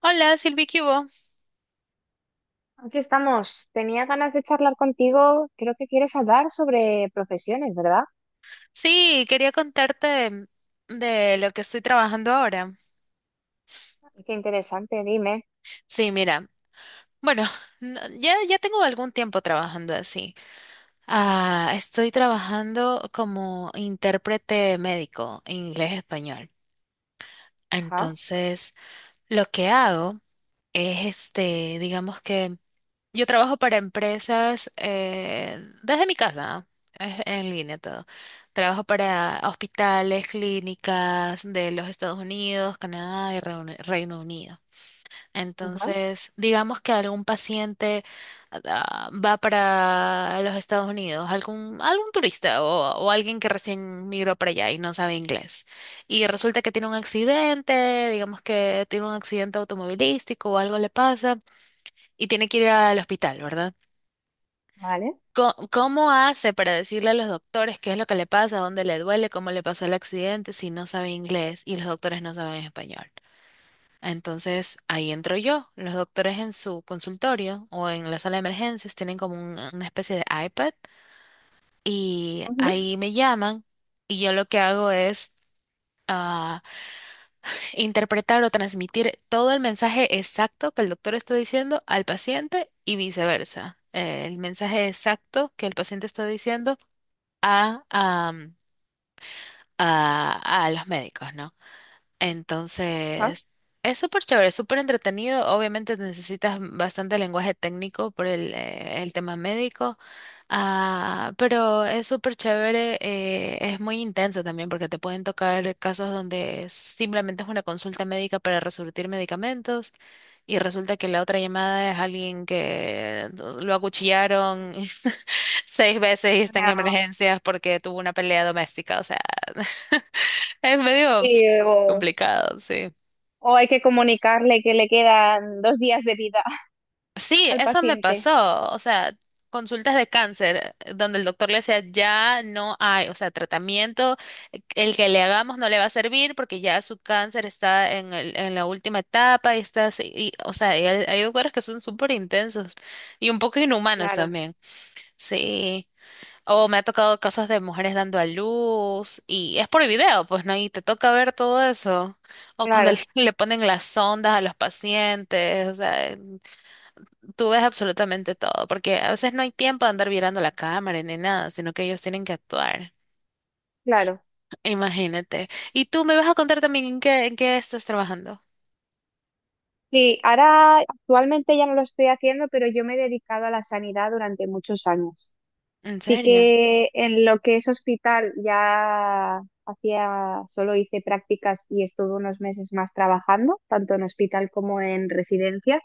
Hola, Silvi, ¿qué hubo? Aquí estamos. Tenía ganas de charlar contigo. Creo que quieres hablar sobre profesiones, ¿verdad? Sí, quería contarte de lo que estoy trabajando ahora. Qué interesante, dime. Sí, mira, bueno, ya tengo algún tiempo trabajando así. Ah, estoy trabajando como intérprete médico, inglés-español. Ajá, Entonces, lo que hago es digamos que yo trabajo para empresas desde mi casa, es en línea todo. Trabajo para hospitales, clínicas de los Estados Unidos, Canadá y Reino Unido. ajá, Entonces, digamos que algún paciente va para los Estados Unidos, algún turista o alguien que recién migró para allá y no sabe inglés. Y resulta que tiene un accidente, digamos que tiene un accidente automovilístico o algo le pasa y tiene que ir al hospital, ¿verdad? vale. ¿Cómo hace para decirle a los doctores qué es lo que le pasa, dónde le duele, cómo le pasó el accidente, si no sabe inglés y los doctores no saben español? Entonces ahí entro yo. Los doctores en su consultorio o en la sala de emergencias tienen como una especie de iPad y Ujú, ahí me llaman y yo lo que hago es ah, interpretar o transmitir todo el mensaje exacto que el doctor está diciendo al paciente y viceversa. El mensaje exacto que el paciente está diciendo a, am, a, a los médicos, ¿no? ajá. Entonces, es súper chévere, es súper entretenido. Obviamente necesitas bastante lenguaje técnico por el tema médico, pero es súper chévere, es muy intenso también porque te pueden tocar casos donde simplemente es una consulta médica para resurtir medicamentos y resulta que la otra llamada es alguien que lo acuchillaron seis veces y está en Ah, emergencias porque tuvo una pelea doméstica, o sea. Es medio y, o, complicado, sí. o hay que comunicarle que le quedan 2 días de vida Sí, al eso me paciente. pasó. O sea, consultas de cáncer donde el doctor le decía, ya no hay, o sea, tratamiento, el que le hagamos no le va a servir porque ya su cáncer está en en la última etapa y está así. Y, o sea, y hay doctores que son súper intensos y un poco inhumanos Claro, también. Sí. O me ha tocado casos de mujeres dando a luz y es por video, pues no, y te toca ver todo eso. O cuando le claro, le ponen las sondas a los pacientes, o sea, tú ves absolutamente todo, porque a veces no hay tiempo de andar mirando la cámara ni nada, sino que ellos tienen que actuar. claro. Imagínate. Y tú me vas a contar también en en qué estás trabajando. Sí, ahora actualmente ya no lo estoy haciendo, pero yo me he dedicado a la sanidad durante muchos años. ¿En Sí serio? que en lo que es hospital ya hacía, solo hice prácticas y estuve unos meses más trabajando, tanto en hospital como en residencia,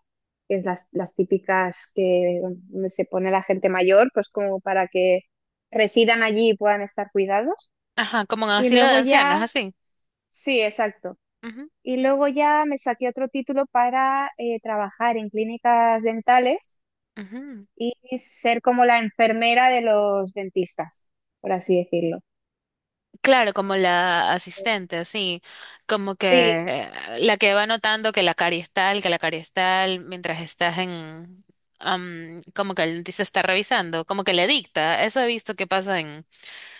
que es las típicas que bueno, donde se pone la gente mayor, pues como para que residan allí y puedan estar cuidados. Ajá, como en Y asilo de luego ancianos, ya, así. sí, exacto. Ujú, Y luego ya me saqué otro título para trabajar en clínicas dentales ujú. y ser como la enfermera de los dentistas, por así decirlo. Claro, como la asistente, sí, como que Sí, eh, la que va notando que la carie es tal, que la carie es tal, mientras estás en, como que el dentista está revisando, como que le dicta. Eso he visto que pasa en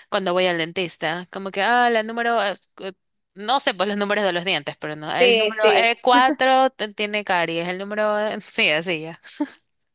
cuando voy al dentista, como que, la número, no sé pues los números de los dientes, pero no, el sí, número sí, E4 tiene caries, el número, sí, así ya.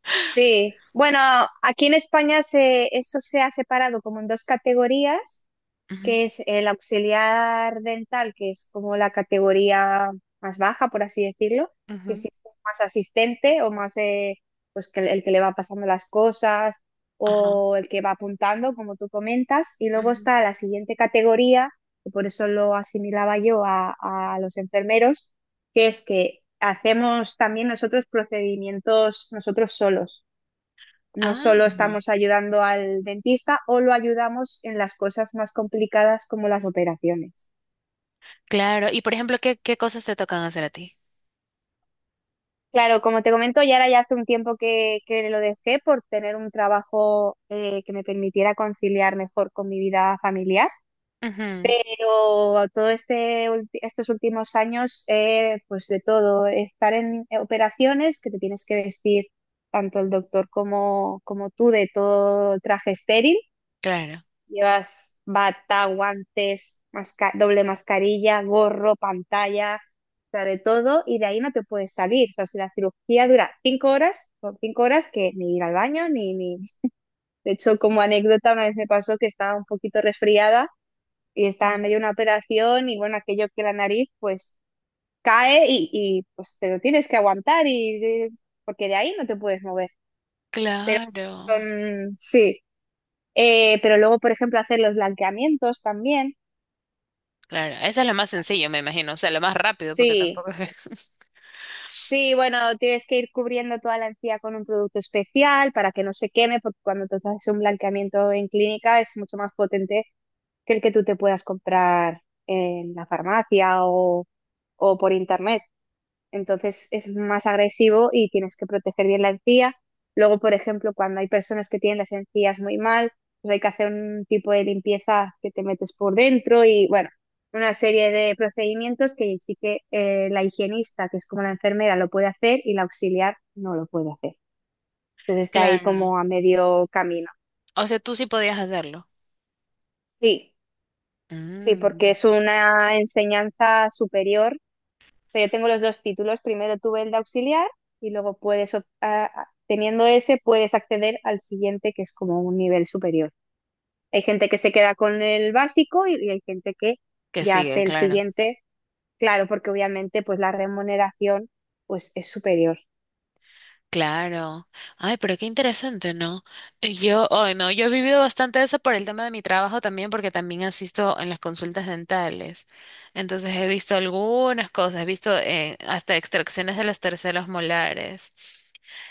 sí. Bueno, aquí en España eso se ha separado como en dos categorías, Ujú, que es el auxiliar dental, que es como la categoría más baja, por así decirlo, que ujú, sí es más asistente o más pues que el que le va pasando las cosas ajá, o el que va apuntando, como tú comentas, y luego ujú. está la siguiente categoría, que por eso lo asimilaba yo a los enfermeros, que es que hacemos también nosotros procedimientos nosotros solos. No Ah, solo estamos ayudando al dentista o lo ayudamos en las cosas más complicadas como las operaciones. claro. Y por ejemplo, qué cosas te tocan hacer a ti? Claro, como te comento, ya ahora ya hace un tiempo que lo dejé por tener un trabajo que me permitiera conciliar mejor con mi vida familiar, Ujú, pero todo estos últimos años, pues de todo, estar en operaciones que te tienes que vestir tanto el doctor como tú de todo traje estéril. claro. Llevas bata, guantes, doble mascarilla, gorro, pantalla, o sea, de todo, y de ahí no te puedes salir. O sea, si la cirugía dura 5 horas, son 5 horas que ni ir al baño, ni. De hecho, como anécdota, una vez me pasó que estaba un poquito resfriada y estaba Ujú, en medio de una operación y bueno, aquello que la nariz pues cae y pues te lo tienes que aguantar y porque de ahí no te puedes mover. Pero claro. Sí. Pero luego, por ejemplo, hacer los blanqueamientos también. Claro. Esa es la más sencilla, me imagino. O sea, la más rápido, porque Sí, tampoco es. sí, bueno, tienes que ir cubriendo toda la encía con un producto especial para que no se queme, porque cuando tú haces un blanqueamiento en clínica es mucho más potente que el que tú te puedas comprar en la farmacia o por internet, entonces es más agresivo y tienes que proteger bien la encía. Luego, por ejemplo, cuando hay personas que tienen las encías muy mal, pues hay que hacer un tipo de limpieza que te metes por dentro y bueno, una serie de procedimientos que sí que la higienista, que es como la enfermera, lo puede hacer y la auxiliar no lo puede hacer. Entonces está ahí Claro. como a medio camino. O sea, tú sí podías hacerlo. Sí, sí, porque Mm, es una enseñanza superior. O sea, yo tengo los dos títulos. Primero tuve el de auxiliar y luego puedes, op- a- teniendo ese, puedes acceder al siguiente, que es como un nivel superior. Hay gente que se queda con el básico y hay gente que que ya hace sigue, el claro. siguiente. Claro, porque obviamente pues la remuneración pues es superior. Claro. Ay, pero qué interesante, ¿no? Y yo, ay, no, yo he vivido bastante eso por el tema de mi trabajo también, porque también asisto en las consultas dentales. Entonces he visto algunas cosas, he visto hasta extracciones de los terceros molares.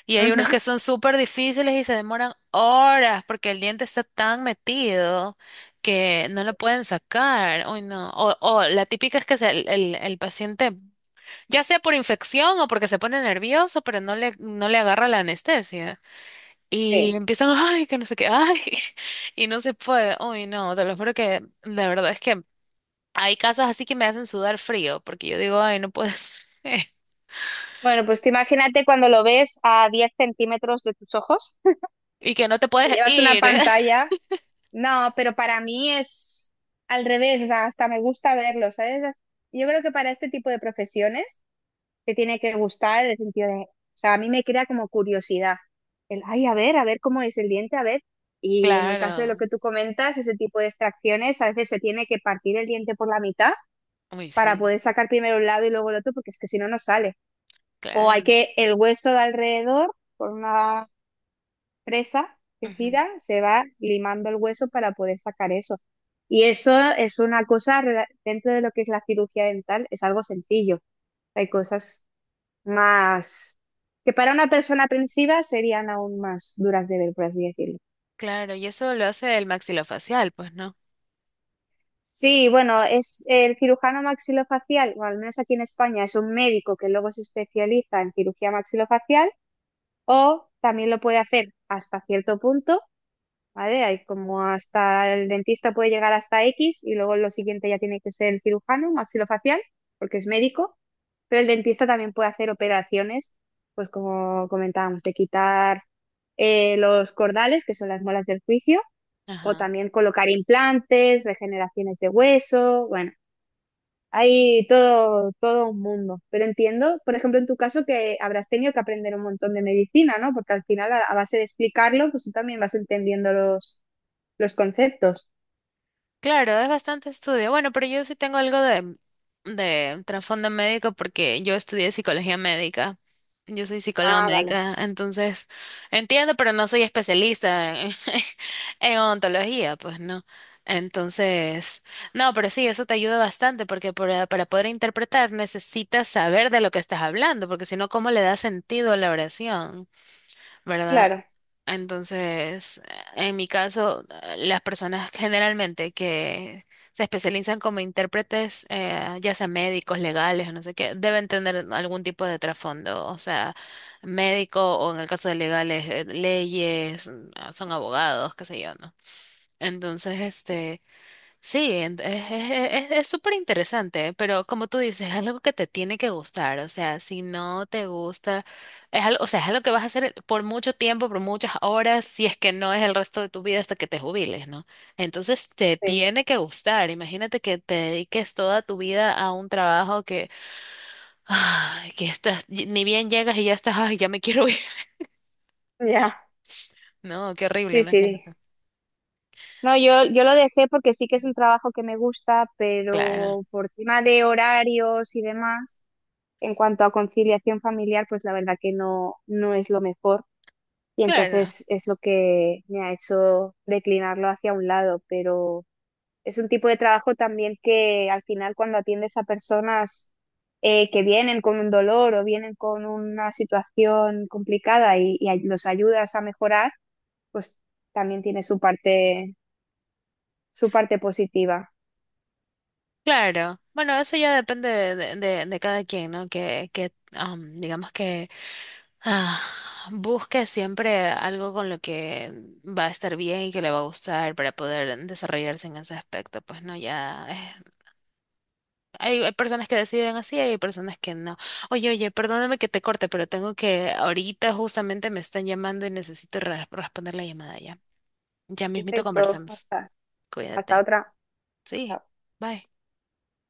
Y hay unos Ujú, que son súper difíciles y se demoran horas porque el diente está tan metido que no lo pueden sacar. Uy, no. O la típica es que el paciente, ya sea por infección o porque se pone nervioso, pero no le agarra la anestesia. Y sí. empiezan, ay, que no sé qué, ay, y no se puede. Uy, no, te lo juro que la verdad es que hay casos así que me hacen sudar frío porque yo digo, ay, no puedes. Bueno, pues tú imagínate cuando lo ves a 10 centímetros de tus ojos, Y que no te que puedes llevas una ir. pantalla. No, pero para mí es al revés, o sea, hasta me gusta verlo, ¿sabes? Yo creo que para este tipo de profesiones te tiene que gustar el sentido de, o sea, a mí me crea como curiosidad, el, ay, a ver cómo es el diente, a ver. Y en el caso de lo Claro. que tú comentas, ese tipo de extracciones, a veces se tiene que partir el diente por la mitad Uy, para sí. poder sacar primero un lado y luego el otro, porque es que si no, no sale. O hay Claro, que el hueso de alrededor, por una presa que ujú, gira, se va limando el hueso para poder sacar eso. Y eso es una cosa, dentro de lo que es la cirugía dental, es algo sencillo. Hay cosas más que para una persona aprensiva serían aún más duras de ver, por así decirlo. claro, y eso lo hace el maxilofacial, pues, ¿no? Sí, bueno, es el cirujano maxilofacial, o al menos aquí en España, es un médico que luego se especializa en cirugía maxilofacial, o también lo puede hacer hasta cierto punto, ¿vale? Hay como hasta el dentista puede llegar hasta X y luego lo siguiente ya tiene que ser el cirujano maxilofacial, porque es médico, pero el dentista también puede hacer operaciones, pues como comentábamos, de quitar los cordales, que son las molas del juicio, o Ajá. también colocar implantes, regeneraciones de hueso, bueno, hay todo, todo un mundo. Pero entiendo, por ejemplo, en tu caso que habrás tenido que aprender un montón de medicina, ¿no? Porque al final, a base de explicarlo, pues tú también vas entendiendo los conceptos. Claro, es bastante estudio. Bueno, pero yo sí tengo algo de trasfondo médico porque yo estudié psicología médica. Yo soy psicóloga Ah, vale. médica, entonces entiendo, pero no soy especialista en, en odontología, pues, ¿no? Entonces, no, pero sí, eso te ayuda bastante porque para poder interpretar necesitas saber de lo que estás hablando, porque si no, ¿cómo le da sentido a la oración? ¿Verdad? Claro, Entonces, en mi caso, las personas generalmente que se especializan como intérpretes, ya sea médicos, legales, o no sé qué, deben tener algún tipo de trasfondo, o sea, médico o en el caso de legales, leyes, mm, son abogados, qué sé yo, ¿no? Entonces, este... Sí, es súper interesante, pero como tú dices, es algo que te tiene que gustar, o sea, si no te gusta, es algo, o sea, es algo que vas a hacer por mucho tiempo, por muchas horas, si es que no es el resto de tu vida hasta que te jubiles, ¿no? Entonces te sí. tiene que gustar, imagínate que te dediques toda tu vida a un trabajo que, ay, que estás, ni bien llegas y ya estás, ay, ya me quiero ir, Ya. no, qué horrible, Sí, sí. imagínate. No, yo lo dejé porque sí que es un trabajo que me gusta, Claro, pero por tema de horarios y demás, en cuanto a conciliación familiar, pues la verdad que no, no es lo mejor. Y claro. entonces es lo que me ha hecho declinarlo hacia un lado, pero. Es un tipo de trabajo también que al final cuando atiendes a personas que vienen con un dolor o vienen con una situación complicada y los ayudas a mejorar, pues también tiene su parte positiva. Claro, bueno, eso ya depende de cada quien, ¿no? Que digamos que ah, busque siempre algo con lo que va a estar bien y que le va a gustar para poder desarrollarse en ese aspecto. Pues no, ya hay personas que deciden así, hay personas que no. Oye, oye, perdóname que te corte, pero tengo que, ahorita justamente me están llamando y necesito responder la llamada ya. Ya mismito Perfecto, conversamos. hasta Cuídate. otra. Sí, Chao. bye.